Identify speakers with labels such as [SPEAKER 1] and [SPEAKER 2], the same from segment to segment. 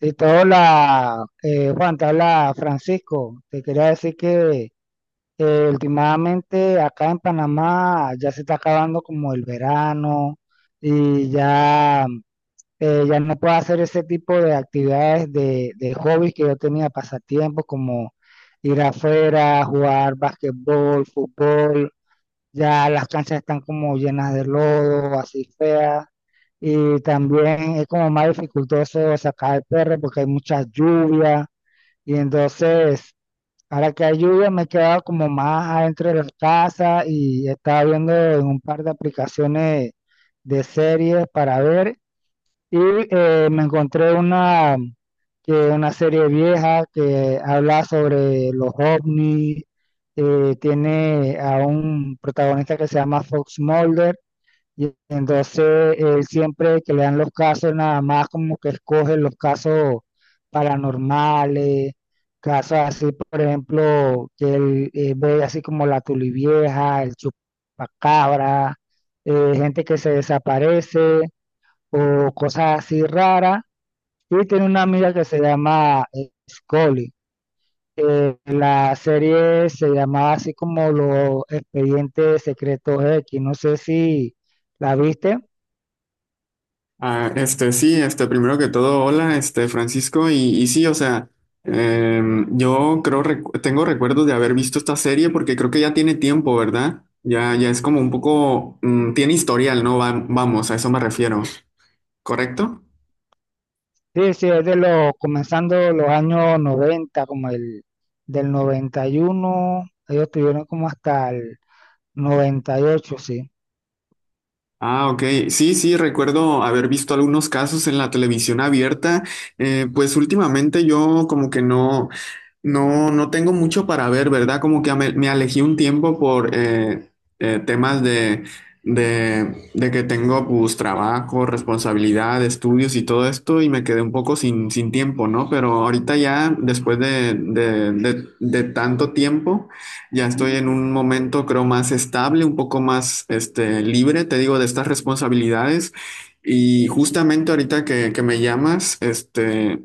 [SPEAKER 1] Listo, hola, Juan, te habla Francisco. Te quería decir que últimamente acá en Panamá ya se está acabando como el verano y ya, ya no puedo hacer ese tipo de actividades de hobbies que yo tenía, pasatiempos como ir afuera, jugar basquetbol, fútbol. Ya las canchas están como llenas de lodo, así feas, y también es como más dificultoso sacar el perro porque hay mucha lluvia. Y entonces, ahora que hay lluvia, me he quedado como más adentro de la casa y estaba viendo en un par de aplicaciones de series para ver. Y me encontré una, que una serie vieja que habla sobre los ovnis. Tiene a un protagonista que se llama Fox Mulder, y entonces él, siempre que le dan los casos, nada más como que escoge los casos paranormales, casos así, por ejemplo, que él ve, así como la Tulivieja, el Chupacabra, gente que se desaparece o cosas así raras. Y tiene una amiga que se llama, Scully. La serie se llamaba así como Los Expedientes Secretos X. No sé si la viste.
[SPEAKER 2] Ah, sí, primero que todo, hola, Francisco, y sí, o sea, yo creo, tengo recuerdos de haber visto esta serie porque creo que ya tiene tiempo, ¿verdad? Ya es como un poco, tiene historial, ¿no? Vamos, a eso me refiero, ¿correcto?
[SPEAKER 1] Sí, sí, es de los, comenzando los años 90, como el del noventa y uno. Ellos tuvieron como hasta el 98, sí.
[SPEAKER 2] Ah, ok. Sí, sí, recuerdo haber visto algunos casos en la televisión abierta. Pues últimamente yo como que no, no tengo mucho para ver, ¿verdad? Como que me alejé un tiempo por temas de, de que tengo pues trabajo, responsabilidad, estudios y todo esto y me quedé un poco sin tiempo, ¿no? Pero ahorita ya, después de tanto tiempo. Ya estoy en un momento, creo, más estable, un poco más libre, te digo, de estas responsabilidades. Y justamente ahorita que me llamas,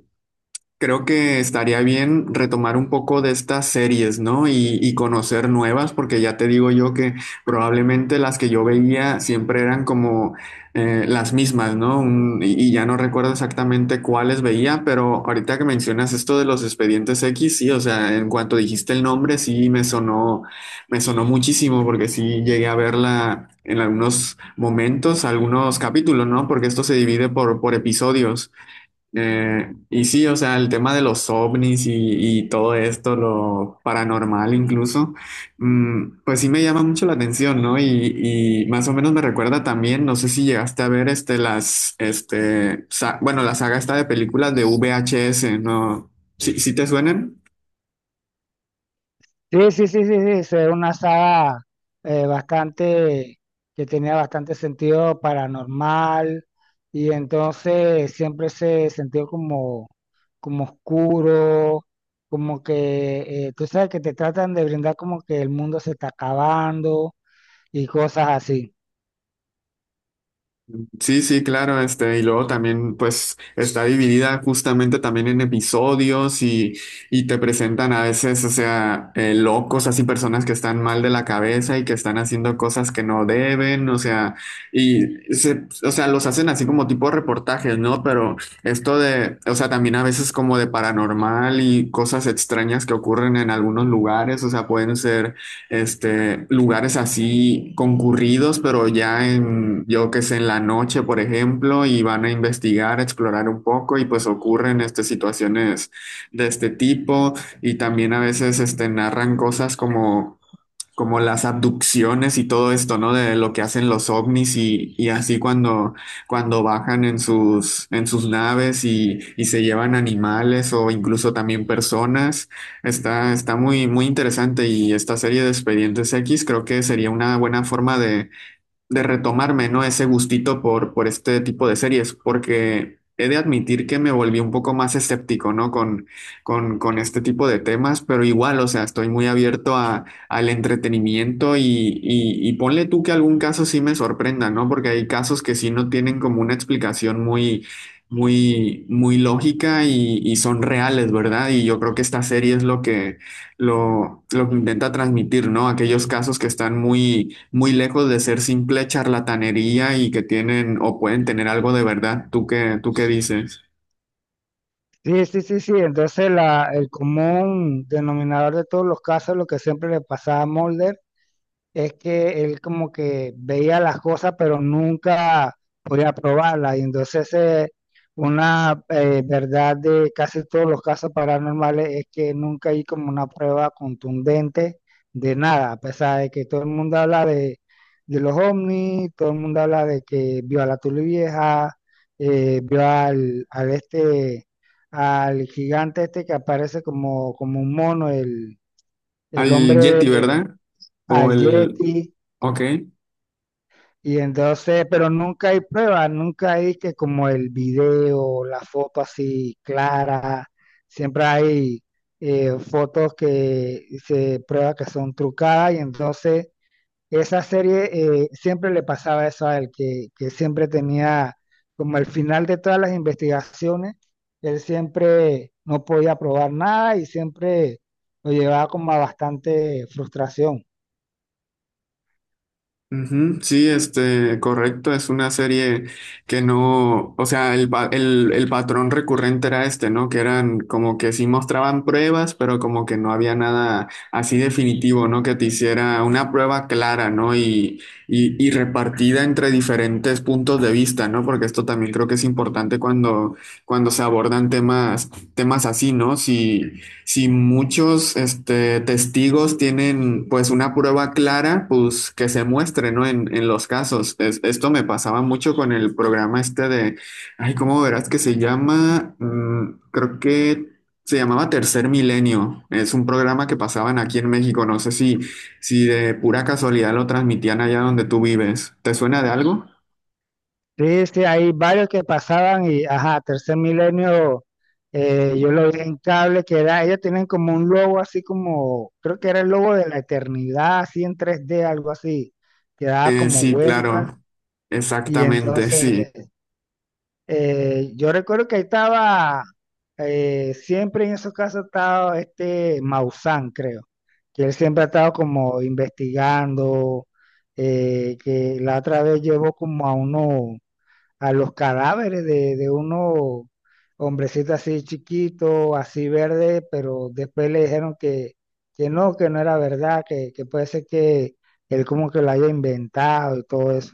[SPEAKER 2] creo que estaría bien retomar un poco de estas series, ¿no? Y conocer nuevas, porque ya te digo yo que probablemente las que yo veía siempre eran como las mismas, ¿no? Y ya no recuerdo exactamente cuáles veía, pero ahorita que mencionas esto de los expedientes X, sí, o sea, en cuanto dijiste el nombre, sí me sonó muchísimo, porque sí llegué a verla en algunos momentos, algunos capítulos, ¿no? Porque esto se divide por episodios. Y sí, o sea, el tema de los ovnis y todo esto, lo paranormal incluso, pues sí me llama mucho la atención, ¿no? Y más o menos me recuerda también, no sé si llegaste a ver bueno, la saga esta de películas de VHS, ¿no? ¿Sí, sí te suenan?
[SPEAKER 1] Sí, sí, sí, sí, sí, sí, eso era una saga, bastante, que tenía bastante sentido paranormal, y entonces siempre se sintió como, como oscuro, como que, tú sabes que te tratan de brindar como que el mundo se está acabando y cosas así.
[SPEAKER 2] Sí, sí, claro, y luego también, pues, está dividida justamente también en episodios y te presentan a veces, o sea, locos, así personas que están mal de la cabeza y que están haciendo cosas que no deben, o sea, y se, o sea, los hacen así como tipo reportajes, ¿no? Pero esto de, o sea, también a veces como de paranormal y cosas extrañas que ocurren en algunos lugares, o sea, pueden ser lugares así concurridos, pero ya en, yo que sé, en la noche, por ejemplo, y van a investigar, explorar un poco y pues ocurren situaciones de este tipo y también a veces narran cosas como como las abducciones y todo esto, ¿no? De lo que hacen los ovnis y así cuando, cuando bajan en sus naves y se llevan animales o incluso también personas. Está, está muy, muy interesante y esta serie de Expedientes X creo que sería una buena forma de retomarme, ¿no? Ese gustito por este tipo de series, porque he de admitir que me volví un poco más escéptico, ¿no? Con este tipo de temas, pero igual, o sea, estoy muy abierto a, al entretenimiento y ponle tú que algún caso sí me sorprenda, ¿no? Porque hay casos que sí no tienen como una explicación muy... Muy, muy lógica y son reales, ¿verdad? Y yo creo que esta serie es lo que, lo que intenta transmitir, ¿no? Aquellos casos que están muy, muy lejos de ser simple charlatanería y que tienen o pueden tener algo de verdad. Tú qué dices?
[SPEAKER 1] Sí, sí, sí, sí. Entonces la, el común denominador de todos los casos, lo que siempre le pasaba a Mulder, es que él como que veía las cosas, pero nunca podía probarlas. Y entonces, una verdad de casi todos los casos paranormales es que nunca hay como una prueba contundente de nada, a pesar de que todo el mundo habla de los ovnis, todo el mundo habla de que vio a la Tulivieja, vio al, al este, al gigante este que aparece como, como un mono, el
[SPEAKER 2] Al
[SPEAKER 1] hombre,
[SPEAKER 2] Yeti, ¿verdad? O
[SPEAKER 1] al
[SPEAKER 2] el...
[SPEAKER 1] Yeti.
[SPEAKER 2] Ok.
[SPEAKER 1] Y entonces, pero nunca hay pruebas, nunca hay, que como el video, la foto así clara, siempre hay fotos que se prueba que son trucadas. Y entonces esa serie, siempre le pasaba eso a él, que siempre tenía como el final de todas las investigaciones, él siempre no podía probar nada y siempre lo llevaba como a bastante frustración.
[SPEAKER 2] Ujú, sí, correcto, es una serie que no, o sea, el patrón recurrente era este, ¿no? Que eran como que sí mostraban pruebas, pero como que no había nada así definitivo, ¿no? Que te hiciera una prueba clara, ¿no? Y repartida entre diferentes puntos de vista, ¿no? Porque esto también creo que es importante cuando, cuando se abordan temas, temas así, ¿no? Si, si muchos testigos tienen pues una prueba clara, pues que se muestre, ¿no? En los casos. Esto me pasaba mucho con el programa este de, ay, ¿cómo verás que se llama? Mm, creo que se llamaba Tercer Milenio. Es un programa que pasaban aquí en México. No sé si, si de pura casualidad lo transmitían allá donde tú vives. ¿Te suena de algo?
[SPEAKER 1] Sí, sí, hay varios que pasaban y, ajá, Tercer Milenio, yo lo vi en cable, que era, ellos tienen como un logo así como, creo que era el logo de la eternidad, así en tres d algo así, que daba como
[SPEAKER 2] Sí,
[SPEAKER 1] vuelta.
[SPEAKER 2] claro.
[SPEAKER 1] Y
[SPEAKER 2] Exactamente, sí.
[SPEAKER 1] entonces, yo recuerdo que ahí estaba, siempre en esos casos estaba este Maussan, creo, que él siempre ha estado como investigando, que la otra vez llevó como a uno, a los cadáveres de unos hombrecitos así chiquitos, así verde, pero después le dijeron que no era verdad, que puede ser que él como que lo haya inventado y todo eso.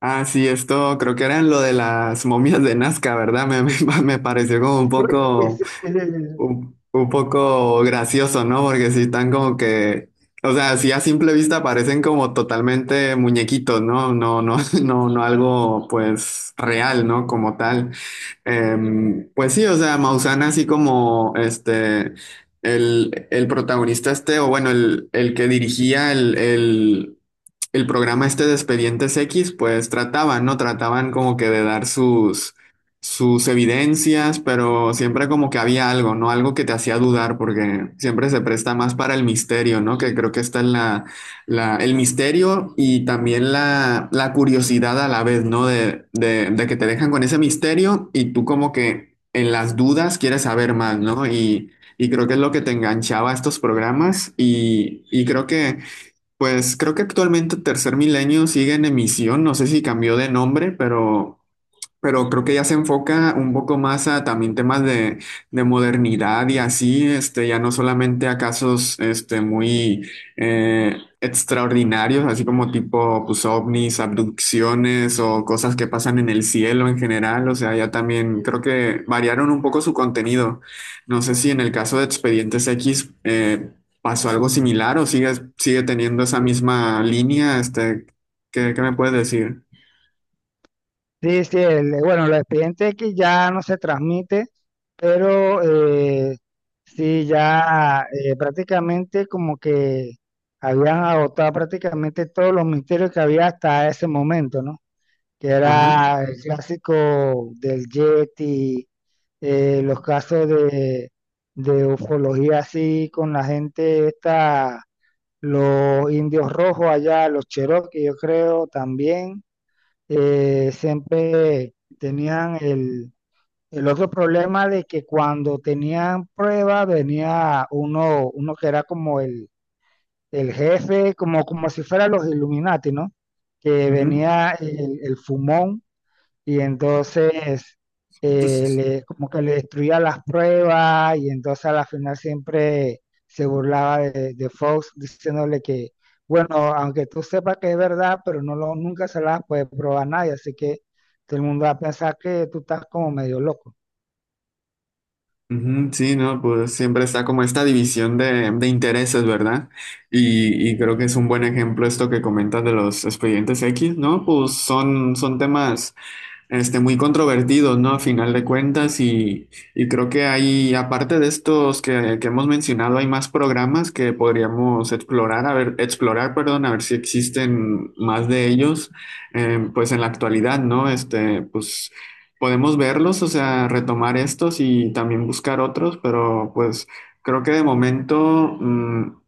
[SPEAKER 2] Ah, sí, esto creo que era en lo de las momias de Nazca, ¿verdad? Me, me pareció como un poco gracioso, ¿no? Porque sí están como que, o sea, sí a simple vista parecen como totalmente muñequitos, ¿no? No, no, no, no algo pues real, ¿no? Como tal. Pues sí, o sea, Maussan así como el protagonista este, o bueno, el que dirigía el programa este de Expedientes X, pues trataban, ¿no? Trataban como que de dar sus, sus evidencias, pero siempre como que había algo, ¿no? Algo que te hacía dudar, porque siempre se presta más para el misterio, ¿no? Que creo que esta es el misterio y también la curiosidad a la vez, ¿no? De que te dejan con ese misterio y tú como que en las dudas quieres saber más, ¿no? Y creo que es lo que te enganchaba a estos programas y creo que, pues creo que actualmente Tercer Milenio sigue en emisión, no sé si cambió de nombre, pero... Pero creo que ya se enfoca un poco más a también temas de modernidad y así, ya no solamente a casos este, muy extraordinarios, así como tipo pues, ovnis, abducciones o cosas que pasan en el cielo en general. O sea, ya también creo que variaron un poco su contenido. No sé si en el caso de Expedientes X pasó algo similar o sigue, sigue teniendo esa misma línea. Este, ¿qué, qué me puedes decir?
[SPEAKER 1] Sí, sí, el- bueno, los expedientes que ya no se transmite, pero sí, ya prácticamente como que habían agotado prácticamente todos los misterios que había hasta ese momento, ¿no? Que
[SPEAKER 2] Ajá.
[SPEAKER 1] era el clásico del Yeti, los casos de ufología así con la gente esta, los indios rojos allá, los Cherokee, yo creo también, siempre tenían el otro problema de que cuando tenían prueba venía uno, uno que era como el jefe, como, como si fuera los Illuminati, ¿no? Que
[SPEAKER 2] Ujú.
[SPEAKER 1] venía el fumón, y entonces le, como que le destruía las pruebas, y entonces a la final siempre se burlaba de Fox diciéndole que, bueno, aunque tú sepas que es verdad, pero no lo, nunca se la puede probar a nadie, así que todo el mundo va a pensar que tú estás como medio loco.
[SPEAKER 2] Ujú, sí, no, pues siempre está como esta división de intereses, ¿verdad? Y creo que es un buen ejemplo esto que comentas de los expedientes X, ¿no? Pues son, son temas muy controvertidos, ¿no? A final de cuentas, y creo que hay, aparte de estos que hemos mencionado, hay más programas que podríamos explorar, a ver, explorar, perdón, a ver si existen más de ellos, pues en la actualidad, ¿no? Pues podemos verlos, o sea, retomar estos y también buscar otros, pero pues creo que de momento,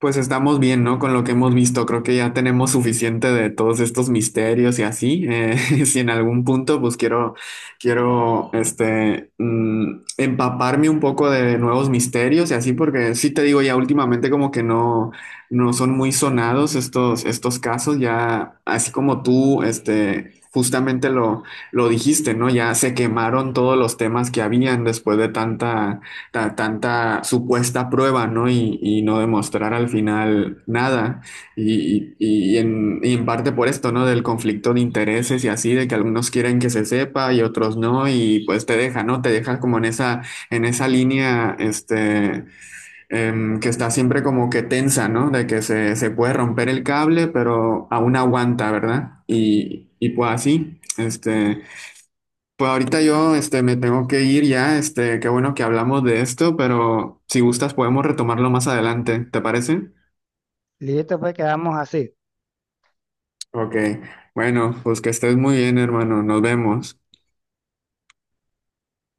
[SPEAKER 2] pues estamos bien, ¿no? Con lo que hemos visto, creo que ya tenemos suficiente de todos estos misterios y así. Si en algún punto, pues quiero, quiero, empaparme un poco de nuevos misterios y así, porque sí te digo, ya últimamente como que no, no son muy sonados estos, estos casos, ya así como tú, justamente lo dijiste, ¿no? Ya se quemaron todos los temas que habían después de tanta tanta supuesta prueba, ¿no? Y no demostrar al final nada. Y en parte por esto, ¿no? Del conflicto de intereses y así, de que algunos quieren que se sepa y otros no, y pues te deja, ¿no? Te deja como en esa línea, que está siempre como que tensa, ¿no? De que se puede romper el cable, pero aún aguanta, ¿verdad? Y pues así, este... Pues ahorita yo me tengo que ir ya, qué bueno que hablamos de esto, pero si gustas podemos retomarlo más adelante, ¿te parece?
[SPEAKER 1] Listo, pues quedamos así.
[SPEAKER 2] Ok, bueno, pues que estés muy bien, hermano, nos vemos.